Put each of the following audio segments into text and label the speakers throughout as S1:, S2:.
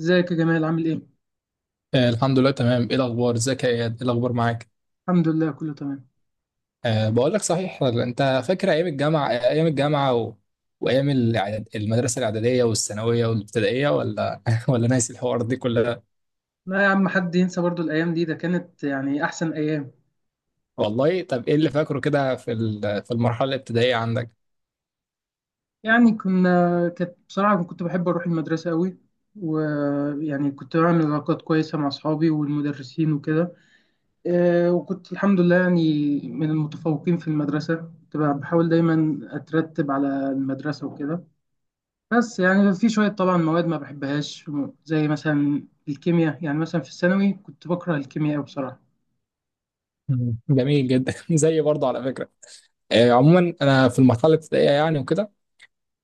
S1: ازيك يا جمال؟ عامل ايه؟
S2: الحمد لله تمام. ايه الاخبار؟ ازيك يا اياد؟ ايه الاخبار معاك؟
S1: الحمد لله كله تمام.
S2: أه، بقول لك صحيح، انت فاكر ايام الجامعه؟ وايام المدرسه الاعداديه والثانويه والابتدائيه، ولا ولا ناسي الحوار دي كلها؟
S1: لا يا عم، حد ينسى برضو الايام دي؟ ده كانت يعني احسن ايام.
S2: والله. طب ايه اللي فاكره كده في المرحله الابتدائيه عندك؟
S1: يعني كانت بصراحة كنت بحب اروح المدرسة قوي، ويعني كنت بعمل علاقات كويسة مع اصحابي والمدرسين وكده. وكنت الحمد لله يعني من المتفوقين في المدرسة، كنت بحاول دايما اترتب على المدرسة وكده. بس يعني في شوية طبعا مواد ما بحبهاش، زي مثلا الكيمياء. يعني مثلا في الثانوي كنت بكره الكيمياء قوي بصراحة.
S2: مم. جميل جدا. زي برضه على فكره. عموما انا في المرحله الابتدائيه يعني وكده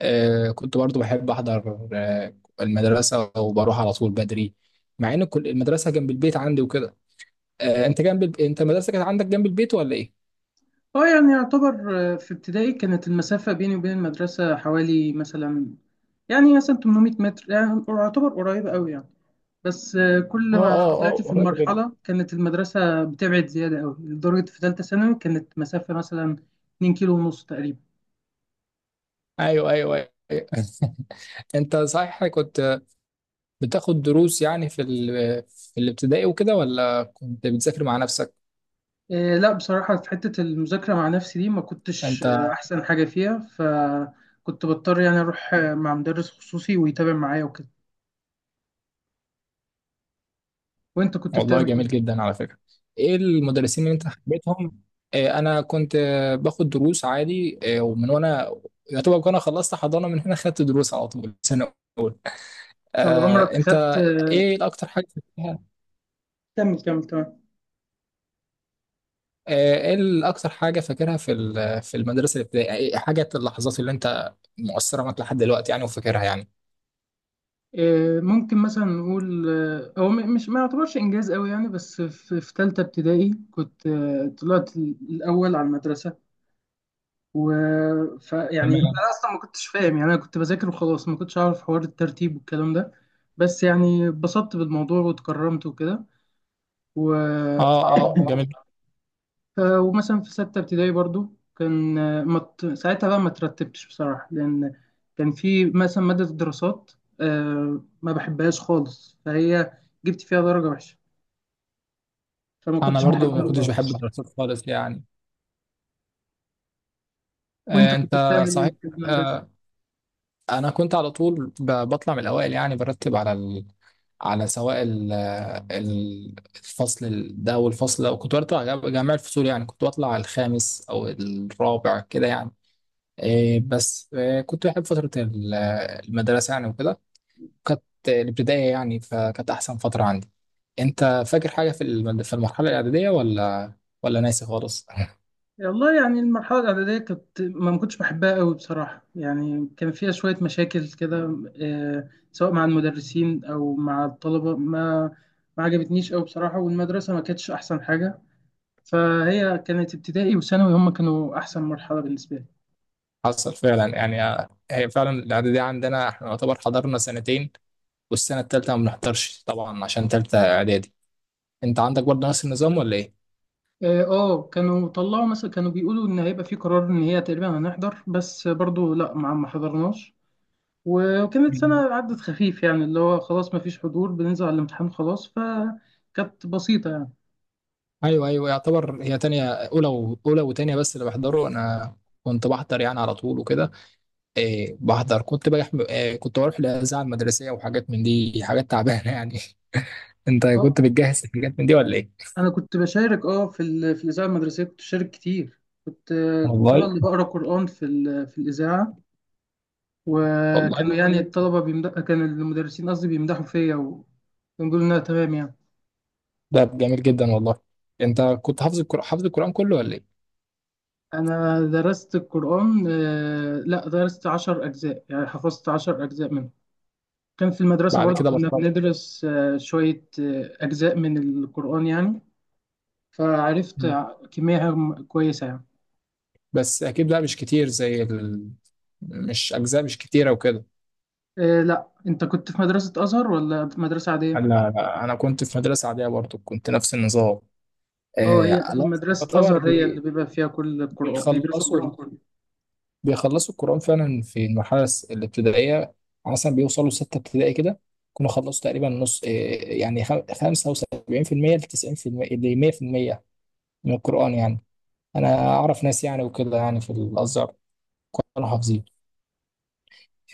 S2: آه، كنت برضه بحب احضر المدرسه، وبروح على طول بدري، مع ان كل المدرسه جنب البيت عندي وكده. انت انت المدرسه كانت عندك جنب البيت ولا ايه؟
S1: اه يعني يعتبر. في ابتدائي كانت المسافة بيني وبين المدرسة حوالي مثلا، يعني مثلا 800 متر، يعني يعتبر قريبة أوي يعني. بس كل
S2: اه
S1: ما
S2: اه
S1: طلعت
S2: اه،
S1: في
S2: قريبه جدا.
S1: المرحلة كانت المدرسة بتبعد زيادة أوي، لدرجة في تالتة ثانوي كانت مسافة مثلا 2 كيلو ونص تقريبا.
S2: ايوه ايوه ايوه. انت صحيح كنت بتاخد دروس يعني في الابتدائي وكده، ولا كنت بتذاكر مع نفسك؟
S1: لا بصراحة، في حتة المذاكرة مع نفسي دي ما كنتش
S2: انت.
S1: أحسن حاجة فيها، فكنت بضطر يعني أروح مع مدرس خصوصي ويتابع معايا وكده. وأنت كنت
S2: والله
S1: بتعمل إيه؟
S2: جميل جدا على فكره. ايه المدرسين اللي انت حبيتهم؟ انا كنت باخد دروس عادي، ومن وانا يعتبر انا خلصت حضانه، من هنا خدت دروس على طول سنه.
S1: طب عمرك
S2: انت
S1: خدت
S2: ايه الاكتر حاجه فاكرها؟
S1: كمل كمل تمام.
S2: ايه الاكتر حاجه فاكرها في المدرسه الابتدائيه؟ إيه حاجه اللحظات اللي انت مؤثره معاك لحد دلوقتي يعني وفاكرها يعني؟
S1: ممكن مثلا نقول هو مش ما يعتبرش انجاز قوي يعني، بس في ثالثه ابتدائي كنت طلعت الاول على المدرسه. و ف يعني انا
S2: تمام.
S1: اصلا ما كنتش فاهم، يعني انا كنت بذاكر وخلاص، ما كنتش اعرف حوار الترتيب والكلام ده. بس يعني اتبسطت بالموضوع واتكرمت وكده. و
S2: اه. اه جميل.
S1: ومثلا في ستة ابتدائي برضو كان ما ت- ساعتها بقى ما ترتبتش بصراحة، لأن كان في مثلا مادة الدراسات، ما بحبهاش خالص، فهي جبت فيها درجة وحشة، فما
S2: انا
S1: كنتش
S2: برضو ما
S1: بحبها
S2: كنتش بحب
S1: خالص.
S2: الدراسات خالص يعني.
S1: وأنت كنت
S2: انت
S1: بتعمل إيه
S2: صحيح.
S1: في المدرسة؟
S2: آه، انا كنت على طول بطلع من الاوائل، يعني برتب على سواء الفصل ده والفصل ده، وكنت بطلع جميع الفصول، يعني كنت بطلع الخامس او الرابع كده يعني. بس كنت بحب فتره المدرسه يعني وكده. كانت الابتدائية يعني، فكانت أحسن فترة عندي. أنت فاكر حاجة في في المرحلة الإعدادية، ولا ولا ناسي خالص؟
S1: والله يعني المرحلة الإعدادية كنت ما كنتش بحبها قوي بصراحة، يعني كان فيها شوية مشاكل كده، سواء مع المدرسين أو مع الطلبة، ما عجبتنيش قوي بصراحة، والمدرسة ما كانتش أحسن حاجة. فهي كانت ابتدائي وثانوي هم كانوا احسن مرحله بالنسبه لي.
S2: حصل فعلا يعني. هي فعلا الإعدادية عندنا إحنا نعتبر حضرنا سنتين، والسنة التالتة ما بنحضرش طبعا عشان تالتة إعدادي. أنت عندك برضه نفس النظام ولا إيه؟
S1: اه، كانوا طلعوا، مثلا كانوا بيقولوا ان هيبقى في قرار ان هي تقريبا هنحضر، بس برضو لا ما حضرناش. وكانت
S2: مم.
S1: سنه عدت خفيف، يعني اللي هو خلاص ما فيش حضور، بننزل على الامتحان خلاص، فكانت بسيطه يعني.
S2: أيوه أيوه، يعتبر هي تانية أولى أولى وتانية، بس اللي بحضره أنا كنت بحضر يعني على طول وكده. إيه بحضر، كنت بروح إيه، كنت بروح الإذاعة المدرسية وحاجات من دي، حاجات تعبانة يعني. انت
S1: اه،
S2: كنت بتجهز حاجات من دي ولا ايه؟
S1: انا كنت بشارك اه في في الاذاعه المدرسيه، كنت بشارك كتير، كنت انا
S2: والله.
S1: اللي بقرا قران في في الاذاعه، وكانوا
S2: والله.
S1: يعني الطلبه بيمدح كان المدرسين قصدي بيمدحوا فيا ونقول انها تمام يعني.
S2: ده جميل جدا والله. انت كنت حافظ القرآن، حافظ القرآن كله ولا ايه؟
S1: أنا درست القرآن، لا درست 10 أجزاء، يعني حفظت 10 أجزاء منه. كان في المدرسة
S2: بعد
S1: برضو
S2: كده
S1: كنا
S2: بطلت.
S1: بندرس شوية أجزاء من القرآن يعني. فعرفت
S2: مم.
S1: كمية كويسة يعني.
S2: بس اكيد بقى مش كتير مش اجزاء مش كتيرة وكده.
S1: لا أنت كنت في مدرسة أزهر ولا في مدرسة عادية؟
S2: انا انا كنت في مدرسة عادية برضه، كنت نفس النظام.
S1: أه، هي
S2: آه لا.
S1: مدرسة
S2: يعتبر
S1: أزهر هي اللي بيبقى فيها كل القرآن، بيدرسوا
S2: بيخلصوا
S1: القرآن كله.
S2: بيخلصوا القرآن فعلا في المرحلة الابتدائية، مثلا بيوصلوا ستة ابتدائي كده يكونوا خلصوا تقريبا نص إيه، يعني 75% ل 90% ل 100% من القرآن يعني. أنا أعرف ناس يعني وكده يعني في الأزهر كانوا حافظين.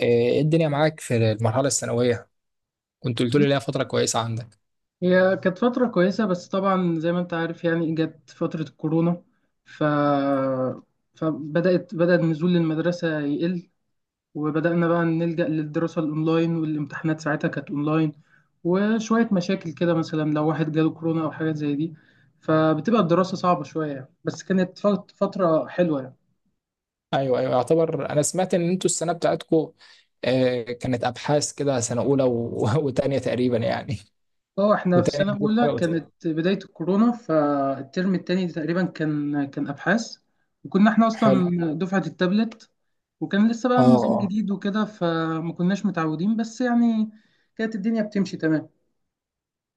S2: إيه إيه الدنيا معاك في المرحلة الثانوية؟ كنت قلت لي ليها فترة كويسة عندك.
S1: هي كانت فترة كويسة، بس طبعا زي ما انت عارف يعني جت فترة الكورونا، ف... فبدأت بدأ النزول للمدرسة يقل، وبدأنا بقى نلجأ للدراسة الأونلاين، والامتحانات ساعتها كانت أونلاين. وشوية مشاكل كده، مثلا لو واحد جاله كورونا أو حاجات زي دي، فبتبقى الدراسة صعبة شوية يعني، بس كانت فترة حلوة يعني.
S2: أيوه أيوه، يعتبر أنا سمعت إن أنتوا السنة بتاعتكم كانت أبحاث كده، سنة أولى وتانية تقريبا يعني.
S1: اه، احنا في
S2: وتانية
S1: سنة
S2: نزلت
S1: أولى
S2: حاجة،
S1: كانت
S2: وتالتة.
S1: بداية الكورونا، فالترم التاني تقريبا كان أبحاث. وكنا احنا أصلا
S2: حلو.
S1: دفعة التابلت، وكان لسه بقى النظام
S2: اه
S1: جديد وكده فما كناش متعودين، بس يعني كانت الدنيا بتمشي تمام.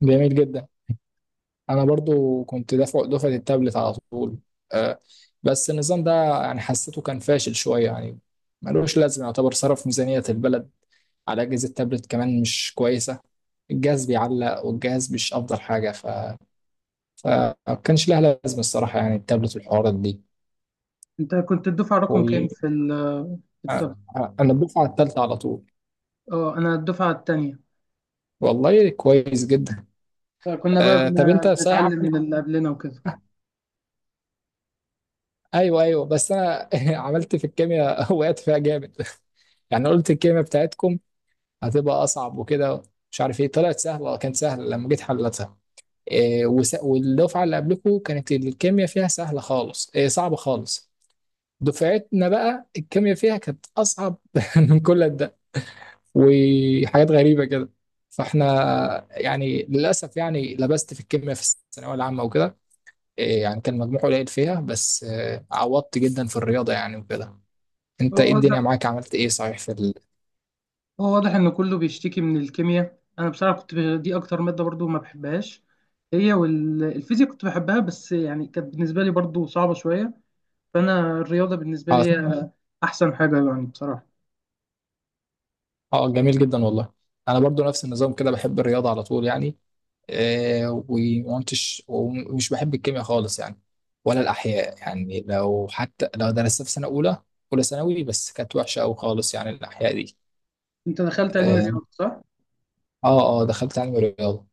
S2: جميل جدا. انا برضو كنت دفعه التابلت على طول. آه، بس النظام ده يعني حسيته كان فاشل شويه يعني، ملوش لازمه، يعتبر صرف ميزانيه البلد على اجهزه تابلت كمان مش كويسه، الجهاز بيعلق، والجهاز مش افضل حاجه. فما كانش لها لازمه الصراحه، يعني التابلت والحوارات دي.
S1: انت كنت الدفعة رقم
S2: و...
S1: كام في في التابلت؟
S2: انا الدفعه الثالثه على طول.
S1: اه انا الدفعه التانية.
S2: والله كويس جدا.
S1: فكنا بقى
S2: طب انت صحيح
S1: بنتعلم
S2: عملت
S1: من اللي قبلنا وكده.
S2: ايوه ايوه، بس انا عملت في الكيمياء، وقعت فيها جامد. يعني قلت الكلمة بتاعتكم هتبقى أصعب وكده، مش عارف إيه، طلعت سهلة، كانت سهلة لما جيت حلتها. إيه والدفعة اللي قبلكم كانت الكيمياء فيها سهلة خالص، إيه صعبة خالص، دفعتنا بقى الكيمياء فيها كانت أصعب من كل ده، وحاجات غريبة كده. فاحنا يعني للأسف يعني لبست في الكيمياء في الثانوية العامة وكده. إيه، يعني كان مجموع قليل فيها، بس إيه عوضت جدا في الرياضة يعني وكده.
S1: هو
S2: انت ايه الدنيا
S1: واضح،
S2: معاك، عملت ايه صحيح
S1: هو واضح ان كله بيشتكي من الكيمياء. انا بصراحه كنت دي اكتر ماده برضو ما بحبهاش، هي والفيزياء كنت بحبها، بس يعني كانت بالنسبه لي برضو صعبه شويه. فانا الرياضه بالنسبه لي هي احسن حاجه يعني بصراحه.
S2: اه جميل جدا والله. انا برضو نفس النظام كده، بحب الرياضه على طول يعني، ومش بحب الكيمياء خالص يعني، ولا الاحياء يعني، لو حتى لو درستها في سنه اولى اولى ثانوي، بس كانت وحشه قوي خالص يعني الاحياء دي.
S1: انت دخلت علم
S2: اه.
S1: الرياضه صح؟
S2: اه دخلت علم الرياضه.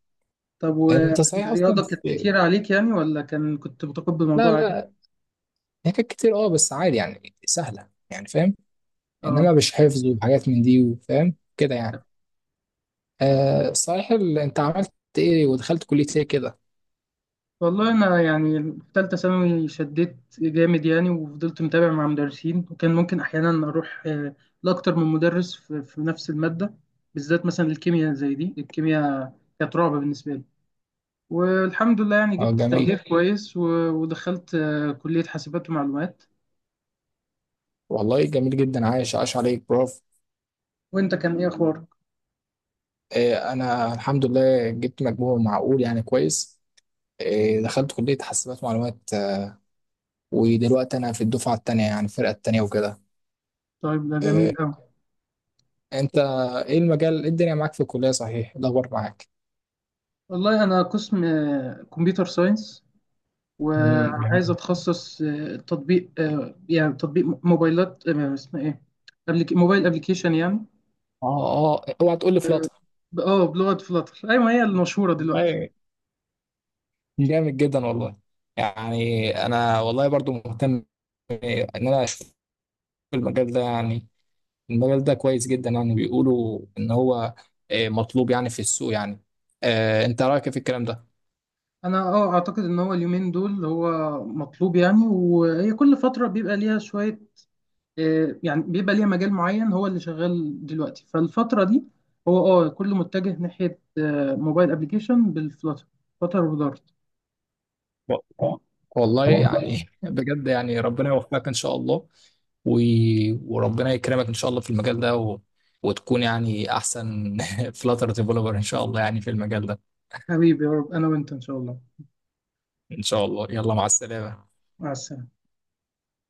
S1: طب
S2: انت صحيح
S1: والرياضه كانت كتير عليك يعني، ولا كنت متقبل
S2: لا
S1: الموضوع عادي؟
S2: لا، هي كانت كتير اه، بس عادي يعني سهله يعني فاهم،
S1: اه.
S2: انما مش حفظ وحاجات من دي، وفاهم كده يعني. آه صحيح انت عملت ايه ودخلت كليه ايه كده؟
S1: والله انا يعني في ثالثه ثانوي شديت جامد يعني، وفضلت متابع مع مدرسين، وكان ممكن احيانا اروح لاكتر من مدرس في نفس الماده، بالذات مثلا الكيمياء. زي دي الكيمياء كانت رعب بالنسبه لي. والحمد لله يعني
S2: اه
S1: جبت
S2: جميل.
S1: تقدير كويس، ودخلت كليه حاسبات ومعلومات.
S2: والله جميل جدا، عايش عاش عليك براف.
S1: وانت كان ايه اخبارك؟
S2: انا الحمد لله جبت مجموع معقول يعني كويس، دخلت كلية حاسبات معلومات، ودلوقتي انا في الدفعة التانية يعني الفرقة التانية وكده.
S1: طيب، ده
S2: آه،
S1: جميل قوي.
S2: انت ايه المجال، إيه الدنيا معاك في الكلية صحيح؟ إيه الاخبار معاك؟
S1: والله انا قسم كمبيوتر ساينس،
S2: جميل.
S1: وعايز اتخصص تطبيق يعني تطبيق موبايلات، اسمها ايه، موبايل ابلكيشن يعني.
S2: اه اه اوعى تقول لي فلاتر.
S1: اه بلغة فلاتر، ايوه هي المشهورة دلوقتي.
S2: والله جامد جدا والله. يعني انا والله برضو مهتم ان انا اشوف المجال ده يعني. المجال ده كويس جدا يعني، بيقولوا ان هو مطلوب يعني في السوق يعني. انت رايك إيه في الكلام ده؟
S1: انا اه اعتقد ان هو اليومين دول هو مطلوب يعني، وهي كل فترة بيبقى ليها شوية، يعني بيبقى ليها مجال معين هو اللي شغال دلوقتي فالفترة دي. هو اه كله متجه ناحية موبايل ابلكيشن بالفلاتر، فلاتر ودارت.
S2: و- والله يعني بجد يعني ربنا يوفقك ان شاء الله، و... وربنا يكرمك ان شاء الله في المجال ده، و... وتكون يعني احسن فلاتر ديفلوبر ان شاء الله يعني في المجال ده.
S1: حبيبي يا رب انا وانت ان شاء الله.
S2: ان شاء الله، يلا مع السلامة.
S1: مع السلامة.